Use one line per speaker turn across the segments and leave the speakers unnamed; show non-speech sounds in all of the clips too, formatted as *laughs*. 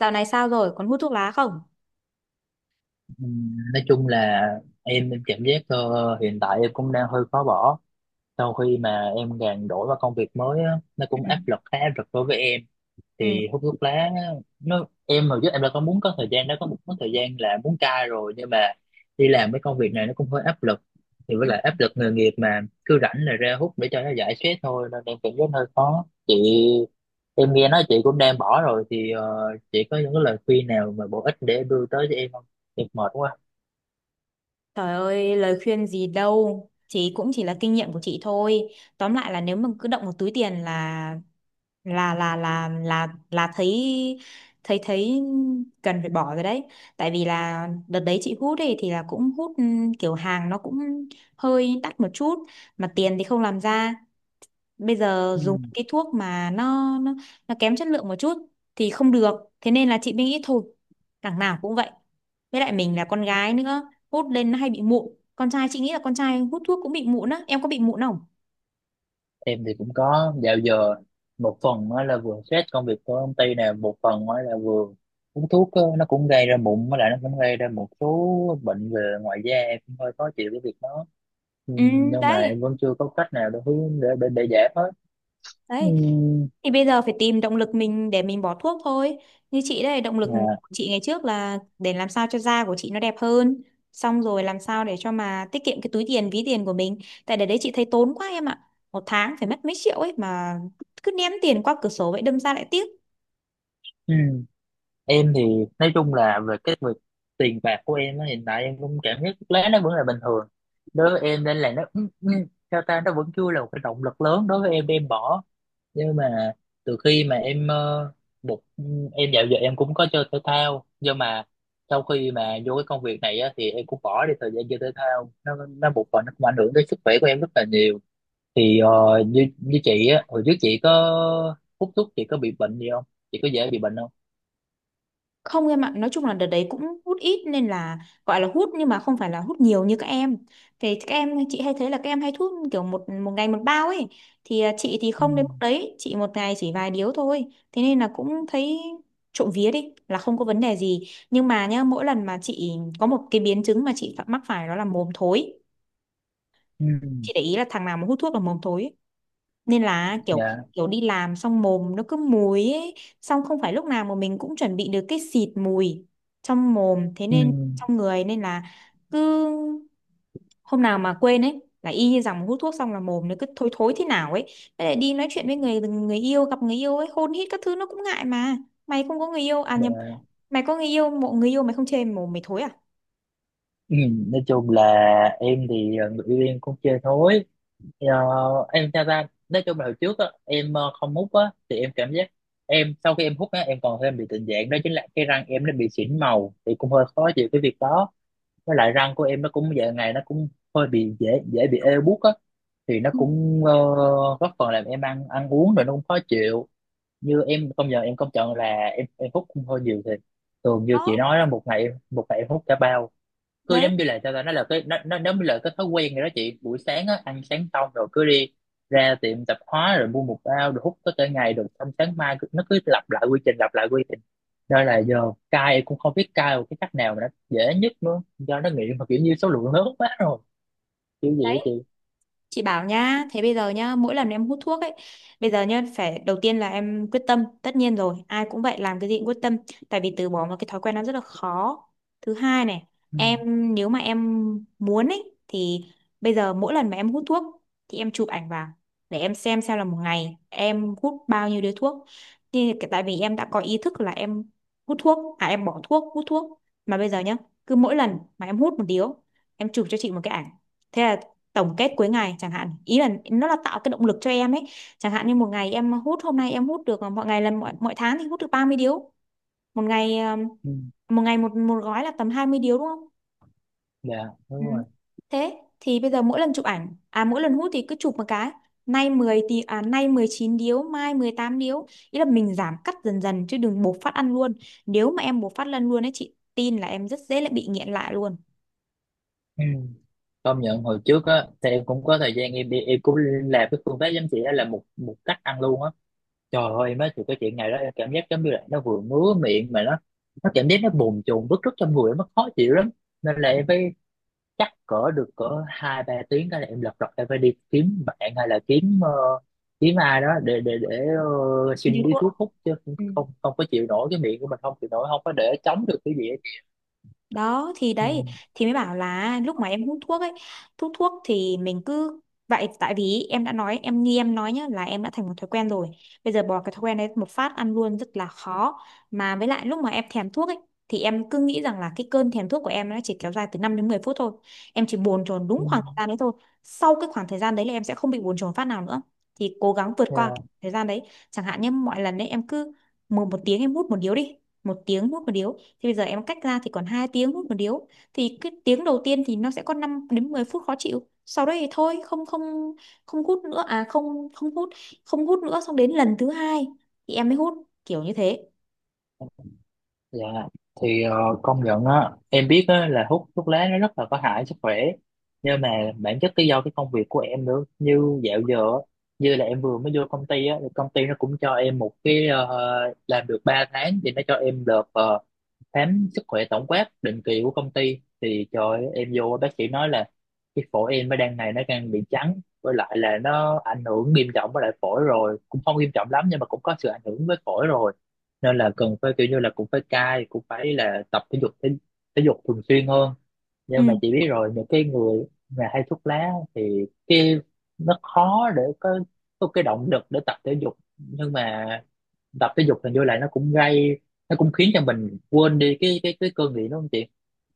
Dạo này sao rồi, còn hút thuốc lá không?
Nói chung là em cảm giác, hiện tại em cũng đang hơi khó bỏ sau khi mà em gàn đổi vào công việc mới á, nó
Ừ.
cũng áp lực, khá áp lực đối với em.
Ừ.
Thì hút thuốc lá á, em hồi trước em đã có muốn có thời gian đó, có thời gian là muốn cai rồi, nhưng mà đi làm cái công việc này nó cũng hơi áp lực. Thì với
Ừ.
lại áp lực nghề nghiệp mà cứ rảnh là ra hút để cho nó giải stress thôi, nên em cảm giác hơi khó, chị. Em nghe nói chị cũng đang bỏ rồi thì, chị có những cái lời khuyên nào mà bổ ích để đưa tới cho em không? Em mệt quá.
Trời ơi, lời khuyên gì đâu. Chị cũng chỉ là kinh nghiệm của chị thôi. Tóm lại là nếu mà cứ động một túi tiền là thấy thấy thấy cần phải bỏ rồi đấy. Tại vì là đợt đấy chị hút ấy thì là cũng hút, kiểu hàng nó cũng hơi đắt một chút, mà tiền thì không làm ra. Bây giờ
Ừ.
dùng cái thuốc mà nó nó, nó kém chất lượng một chút thì không được. Thế nên là chị mới nghĩ thôi, đằng nào cũng vậy, với lại mình là con gái nữa, hút lên nó hay bị mụn. Con trai chị nghĩ là con trai hút thuốc cũng bị mụn á, em có bị mụn không?
Em thì cũng có dạo giờ, một phần á là vừa stress công việc của công ty nè, một phần á là vừa uống thuốc á, nó cũng gây ra mụn, với lại nó cũng gây ra một số bệnh về ngoài da, em cũng hơi khó chịu cái việc đó. Ừ,
Ừ.
nhưng mà
Đấy.
em vẫn chưa có cách nào để hướng để giải hết. Ừ,
Đấy. Thì bây giờ phải tìm động lực mình để mình bỏ thuốc thôi. Như chị đây, động lực
dạ.
của chị ngày trước là để làm sao cho da của chị nó đẹp hơn, xong rồi làm sao để cho mà tiết kiệm cái túi tiền, ví tiền của mình. Tại để đấy chị thấy tốn quá em ạ, một tháng phải mất mấy triệu ấy mà, cứ ném tiền qua cửa sổ vậy, đâm ra lại tiếc.
Ừ. Em thì nói chung là về cái việc tiền bạc của em á, hiện tại em cũng cảm thấy thuốc lá nó vẫn là bình thường đối với em, nên là nó, sao ta, nó vẫn chưa là một cái động lực lớn đối với em để em bỏ. Nhưng mà từ khi mà em, một em dạo giờ em cũng có chơi thể thao, nhưng mà sau khi mà vô cái công việc này á, thì em cũng bỏ đi thời gian chơi thể thao, nó một phần nó cũng ảnh hưởng tới sức khỏe của em rất là nhiều. Thì, như như chị á, hồi trước chị có hút thuốc, chị có bị bệnh gì không? Chị có dễ bị bệnh không?
Không em ạ, nói chung là đợt đấy cũng hút ít nên là gọi là hút nhưng mà không phải là hút nhiều như các em. Thì các em chị hay thấy là các em hay hút kiểu một một ngày một bao ấy. Thì chị thì
Ừ.
không đến mức đấy, chị một ngày chỉ vài điếu thôi. Thế nên là cũng thấy, trộm vía đi, là không có vấn đề gì. Nhưng mà nhá, mỗi lần mà chị có một cái biến chứng mà chị phải mắc phải đó là mồm thối.
Ừ.
Chị để ý là thằng nào mà hút thuốc là mồm thối, nên là kiểu,
Dạ.
đi làm xong mồm nó cứ mùi ấy, xong không phải lúc nào mà mình cũng chuẩn bị được cái xịt mùi trong mồm, thế
Ừ.
nên trong người nên là cứ hôm nào mà quên ấy là y như rằng hút thuốc xong là mồm nó cứ thối thối thế nào ấy. Với lại đi nói chuyện với người người yêu, gặp người yêu ấy hôn hít các thứ nó cũng ngại mà. Mày không có người yêu à? Nhầm,
Dạ.
mày có người yêu, mộ người yêu mày không chê mồm mày thối à?
Ừ. Nói chung là em thì, người yêu em cũng chơi thôi. Thì, em theo ra, nói chung là hồi trước á, em, không hút á, thì em cảm giác em sau khi em hút á, em còn thêm bị tình trạng đó chính là cái răng em nó bị xỉn màu, thì cũng hơi khó chịu cái việc đó. Với lại răng của em nó cũng giờ ngày nó cũng hơi bị dễ dễ bị ê buốt á, thì nó
Ừ.
cũng, góp phần làm em ăn ăn uống rồi nó cũng khó chịu. Như em công nhận, em công nhận là em hút cũng hơi nhiều. Thì thường như
Đó.
chị nói đó, một ngày em hút cả bao. Cứ
Đấy.
giống như là, sao ta, nó là cái nó giống như là cái thói quen rồi đó chị. Buổi sáng á, ăn sáng xong rồi cứ đi ra tiệm tạp hóa rồi mua một bao rồi hút có cả ngày, rồi xong sáng mai nó cứ lặp lại quy trình, lặp lại quy trình. Nên là giờ cai cũng không biết cai một cái cách nào mà nó dễ nhất nữa, do nó nghiện mà kiểu như số lượng lớn quá rồi, kiểu gì á chị.
Chị bảo nhá, thế bây giờ nhá, mỗi lần em hút thuốc ấy, bây giờ nhá, phải đầu tiên là em quyết tâm, tất nhiên rồi, ai cũng vậy, làm cái gì cũng quyết tâm, tại vì từ bỏ một cái thói quen nó rất là khó. Thứ hai này,
Ừ.
em nếu mà em muốn ấy, thì bây giờ mỗi lần mà em hút thuốc, thì em chụp ảnh vào, để em xem là một ngày em hút bao nhiêu điếu thuốc. Thì tại vì em đã có ý thức là em hút thuốc, à em bỏ thuốc, hút thuốc, mà bây giờ nhá, cứ mỗi lần mà em hút một điếu, em chụp cho chị một cái ảnh. Thế là tổng kết cuối ngày chẳng hạn, ý là nó là tạo cái động lực cho em ấy. Chẳng hạn như một ngày em hút, hôm nay em hút được, mọi ngày là mọi tháng thì hút được 30 điếu, một ngày,
Ừ.
một ngày một một gói là tầm 20 điếu, đúng không?
Dạ. Đúng
Ừ.
rồi.
Thế thì bây giờ mỗi lần chụp ảnh, à mỗi lần hút thì cứ chụp một cái, nay 10 thì à nay 19 điếu, mai 18 điếu. Ý là mình giảm cắt dần dần chứ đừng bộc phát ăn luôn. Nếu mà em bộc phát lần luôn ấy chị tin là em rất dễ lại bị nghiện lại luôn.
Ừ. Công nhận hồi trước á, thì em cũng có thời gian em đi, em cũng làm cái phương pháp giống chị, đó là một một cách ăn luôn á. Trời ơi, em nói thì cái chuyện này đó, em cảm giác giống như là nó vừa ngứa miệng mà nó cảm giác nó bồn chồn bứt rứt trong người, nó khó chịu lắm. Nên là em phải, chắc cỡ được cỡ hai ba tiếng cái là em lật đật em phải đi kiếm bạn hay là kiếm, kiếm ai đó để
Như
xin đi
thuốc.
thuốc hút, chứ
Ừ.
không, không có chịu nổi, cái miệng của mình không chịu nổi, không có để chống được cái gì hết.
Đó thì
Ừ.
đấy, thì mới bảo là lúc mà em hút thuốc ấy, hút thuốc thì mình cứ vậy, tại vì em đã nói, em như em nói nhá, là em đã thành một thói quen rồi, bây giờ bỏ cái thói quen đấy một phát ăn luôn rất là khó. Mà với lại lúc mà em thèm thuốc ấy, thì em cứ nghĩ rằng là cái cơn thèm thuốc của em nó chỉ kéo dài từ 5 đến 10 phút thôi, em chỉ bồn chồn
Ừ.
đúng khoảng thời gian đấy thôi, sau cái khoảng thời gian đấy là em sẽ không bị bồn chồn phát nào nữa, thì cố gắng vượt qua
Yeah.
thời gian đấy. Chẳng hạn như mọi lần đấy em cứ một một tiếng em hút một điếu đi, một tiếng hút một điếu, thì bây giờ em cách ra thì còn 2 tiếng hút một điếu, thì cái tiếng đầu tiên thì nó sẽ có 5 đến 10 phút khó chịu, sau đấy thì thôi không, không, không hút nữa, à không, không hút, không hút nữa, xong đến lần thứ hai thì em mới hút, kiểu như thế.
Dạ, thì, công nhận á, em biết á là hút thuốc lá nó rất là có hại sức khỏe. Nhưng mà bản chất cái do cái công việc của em nữa, như dạo giờ á, như là em vừa mới vô công ty á, thì công ty nó cũng cho em một cái, làm được 3 tháng thì nó cho em được, khám sức khỏe tổng quát định kỳ của công ty. Thì trời ơi, em vô bác sĩ nói là cái phổi em nó đang này nó đang bị trắng, với lại là nó ảnh hưởng nghiêm trọng với lại phổi rồi, cũng không nghiêm trọng lắm nhưng mà cũng có sự ảnh hưởng với phổi rồi, nên là cần phải kiểu như là cũng phải cai, cũng phải là tập thể dục thể, thể dục thường xuyên hơn. Nhưng
Ừ,
mà chị biết rồi, những cái người mà hay thuốc lá thì cái nó khó để có cái động lực để tập thể dục. Nhưng mà tập thể dục hình như là nó cũng gây, nó cũng khiến cho mình quên đi cái cái cơn nghiện, đúng không chị?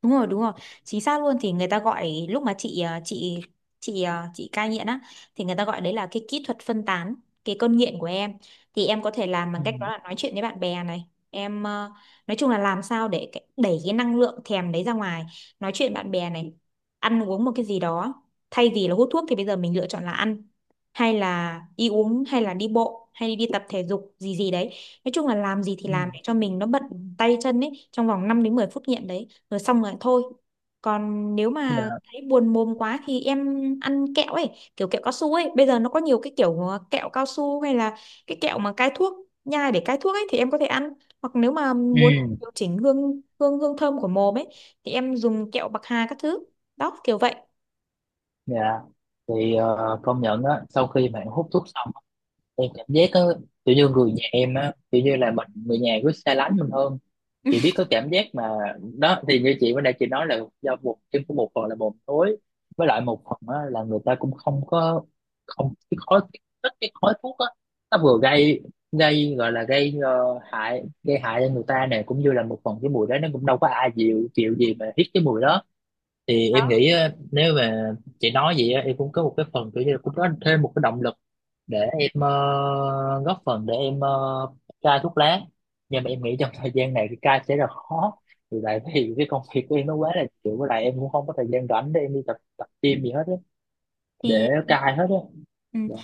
đúng rồi, đúng rồi, chính xác luôn. Thì người ta gọi, lúc mà chị, à chị à, chị cai nghiện á, thì người ta gọi đấy là cái kỹ thuật phân tán cái cơn nghiện của em. Thì em có thể làm bằng
Ừ.
cách đó là nói chuyện với bạn bè này, em à, nói chung là làm sao để đẩy cái năng lượng thèm đấy ra ngoài, nói chuyện bạn bè này, ăn uống một cái gì đó, thay vì là hút thuốc thì bây giờ mình lựa chọn là ăn, hay là đi uống, hay là đi bộ, hay đi, tập thể dục gì gì đấy. Nói chung là làm gì thì
Ừ.
làm để cho mình nó bận tay chân ấy, trong vòng 5 đến 10 phút nghiện đấy, rồi xong rồi thôi. Còn nếu
Dạ.
mà thấy buồn mồm quá thì em ăn kẹo ấy, kiểu kẹo cao su ấy. Bây giờ nó có nhiều cái kiểu, kẹo cao su hay là cái kẹo mà cai thuốc, nhai để cai thuốc ấy, thì em có thể ăn. Hoặc nếu mà muốn
Ừ.
điều chỉnh hương, hương hương thơm của mồm ấy thì em dùng kẹo bạc hà các thứ, đó, kiểu vậy.
Dạ. Thì, công nhận á, sau khi mà em hút thuốc xong á, em cảm giác á, kiểu như người nhà em á, kiểu như là mình người nhà cứ xa lánh mình hơn, chị biết có cảm giác mà. Đó thì như chị bữa nay chị nói là do một trên của một phần là mồm thối, với lại một phần á, là người ta cũng không có, không cái khói, cái khói thuốc á, nó vừa gây gây gọi là gây, hại, gây hại cho người ta này, cũng như là một phần cái mùi đó nó cũng đâu có ai chịu chịu gì mà hít cái mùi đó. Thì em nghĩ á, nếu mà chị nói vậy á, em cũng có một cái phần kiểu như là cũng có thêm một cái động lực để em, góp phần để em, cai thuốc lá. Nhưng mà em nghĩ trong thời gian này thì cai sẽ rất khó, vì tại vì cái công việc của em nó quá là chịu, với lại em cũng không có thời gian rảnh để em đi tập tập gym gì hết á,
Thì
để cai hết á.
ừ,
Dạ.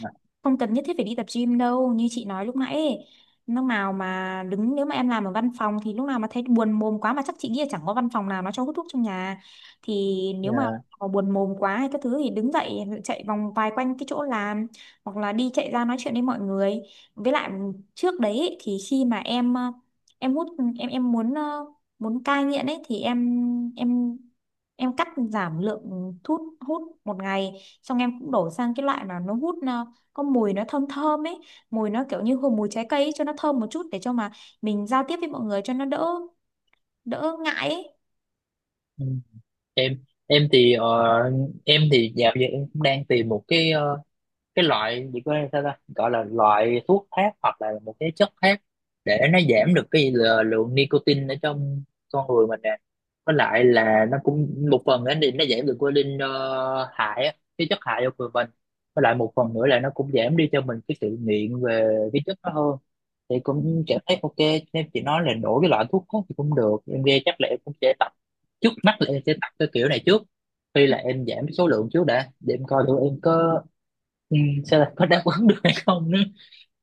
không cần nhất thiết phải đi tập gym đâu, như chị nói lúc nãy ấy, lúc nào mà đứng, nếu mà em làm ở văn phòng thì lúc nào mà thấy buồn mồm quá, mà chắc chị nghĩ là chẳng có văn phòng nào nó cho hút thuốc trong nhà, thì nếu mà
Dạ.
buồn mồm quá hay các thứ thì đứng dậy chạy vòng vài quanh cái chỗ làm, hoặc là đi chạy ra nói chuyện với mọi người. Với lại trước đấy ấy, thì khi mà em, em hút, em muốn, muốn cai nghiện ấy thì em em cắt giảm lượng thuốc hút một ngày, xong em cũng đổi sang cái loại mà nó hút, có mùi nó thơm thơm ấy, mùi nó kiểu như hương mùi trái cây ấy, cho nó thơm một chút để cho mà mình giao tiếp với mọi người cho nó đỡ, đỡ ngại ấy.
Ừ. Em thì, em thì dạo giờ em cũng đang tìm một cái, cái loại gì có sao ta gọi là loại thuốc khác hoặc là một cái chất khác, để nó giảm được cái lượng nicotine ở trong con người mình nè, với lại là nó cũng một phần nữa thì nó giảm được cái linh, hại á, cái chất hại cho người mình, với lại một phần nữa là nó cũng giảm đi cho mình cái sự nghiện về cái chất đó hơn, thì cũng cảm thấy ok. Nên chị nói là đổi cái loại thuốc đó thì cũng được, em nghe chắc là em cũng sẽ tập, trước mắt là em sẽ tập cái kiểu này trước, khi
Ừ.
là em giảm số lượng trước đã, để em coi thử em có, ừ, xem là có đáp ứng được hay không nữa,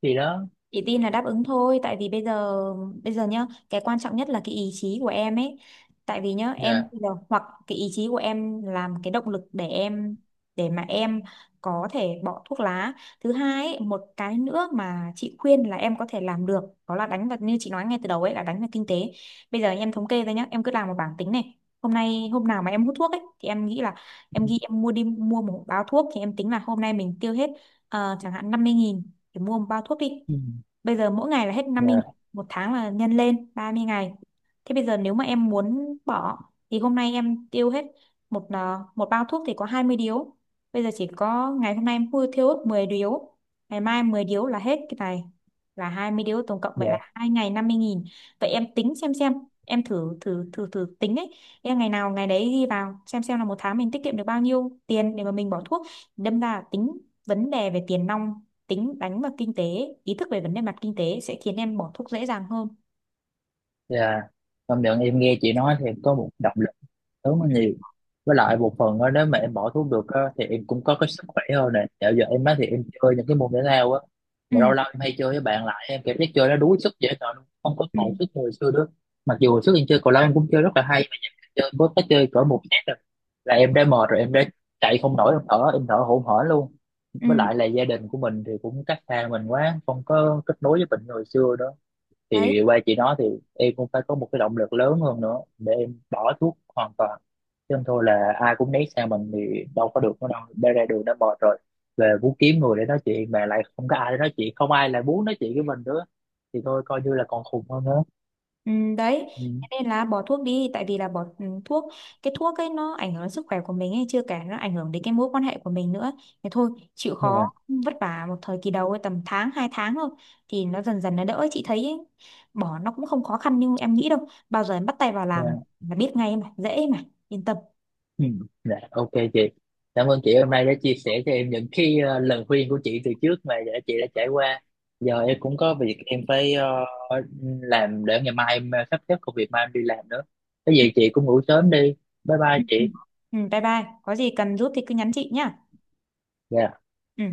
thì đó.
Chị tin là đáp ứng thôi, tại vì bây giờ nhá, cái quan trọng nhất là cái ý chí của em ấy. Tại vì nhá, em
Dạ.
bây giờ hoặc cái ý chí của em làm cái động lực để mà em có thể bỏ thuốc lá. Thứ hai ấy, một cái nữa mà chị khuyên là em có thể làm được đó là đánh vào, như chị nói ngay từ đầu ấy, là đánh vào kinh tế. Bây giờ em thống kê ra nhá, em cứ làm một bảng tính này. Hôm nay hôm nào mà em hút thuốc ấy thì em nghĩ là em ghi, em mua, mua một bao thuốc thì em tính là hôm nay mình tiêu hết, chẳng hạn 50.000 để mua một bao thuốc đi.
Ừ,
Bây giờ mỗi ngày là hết 50
dạ.
nghìn, một tháng là nhân lên 30 ngày. Thế bây giờ nếu mà em muốn bỏ thì hôm nay em tiêu hết một bao thuốc thì có 20 điếu. Bây giờ chỉ có ngày hôm nay em mua thiêu hết 10 điếu, ngày mai 10 điếu là hết cái này, là 20 đô tổng cộng, vậy
Dạ.
là 2 ngày 50.000. Vậy em tính xem, em thử thử thử thử tính ấy, em ngày nào ngày đấy ghi vào xem là một tháng mình tiết kiệm được bao nhiêu tiền để mà mình bỏ thuốc. Đâm ra là tính vấn đề về tiền nong, tính đánh vào kinh tế, ý thức về vấn đề mặt kinh tế sẽ khiến em bỏ thuốc dễ dàng hơn.
Dạ. Công nhận em nghe chị nói thì có một động lực, tốn nó nhiều, với lại một phần á, nếu mà em bỏ thuốc được á thì em cũng có cái sức khỏe hơn nè. Dạo giờ em á thì em chơi những cái môn thể thao á,
Ừ.
mà lâu lâu em hay chơi với bạn lại, em cảm giác chơi nó đuối sức dễ sợ luôn, không có
Ừ.
còn sức như hồi xưa nữa. Mặc dù hồi trước em chơi cầu lông cũng chơi rất là hay, mà giờ em chơi có cái chơi cỡ một set rồi là em đã mệt rồi, em đã chạy không nổi, em thở hổn hển luôn. Với
Ừ.
lại là gia đình của mình thì cũng cách xa mình quá, không có kết nối với mình như hồi xưa đó.
Đấy.
Thì qua chị nói thì em cũng phải có một cái động lực lớn hơn nữa để em bỏ thuốc hoàn toàn, chứ không thôi là ai cũng né sang mình thì đâu có được nữa. Đâu đây ra đường đã mệt rồi, về muốn kiếm người để nói chuyện mà lại không có ai để nói chuyện, không ai lại muốn nói chuyện với mình nữa, thì thôi coi như là còn khùng hơn nữa.
Ừ, đấy. Thế
Ừ.
nên là bỏ thuốc đi, tại vì là bỏ, thuốc, cái thuốc ấy nó ảnh hưởng đến sức khỏe của mình ấy, chưa kể nó ảnh hưởng đến cái mối quan hệ của mình nữa. Thế thôi chịu
Dạ.
khó vất vả một thời kỳ đầu ấy, tầm tháng hai tháng thôi, thì nó dần dần nó đỡ chị thấy ấy. Bỏ nó cũng không khó khăn như em nghĩ đâu, bao giờ em bắt tay vào
Dạ.
làm là biết ngay mà, dễ mà, yên tâm.
Ừ. Dạ, ok chị, cảm ơn chị hôm nay đã chia sẻ cho em những cái, lời khuyên của chị từ trước mà đã chị đã trải qua. Giờ em cũng có việc em phải, làm để ngày mai em, sắp xếp công việc mai em đi làm nữa. Cái gì chị
*laughs*
cũng ngủ sớm đi. Bye bye
Ừ, ừ,
chị.
ừ. Ừ, bye bye, có gì cần giúp thì cứ nhắn chị nhá.
Dạ.
Ừ.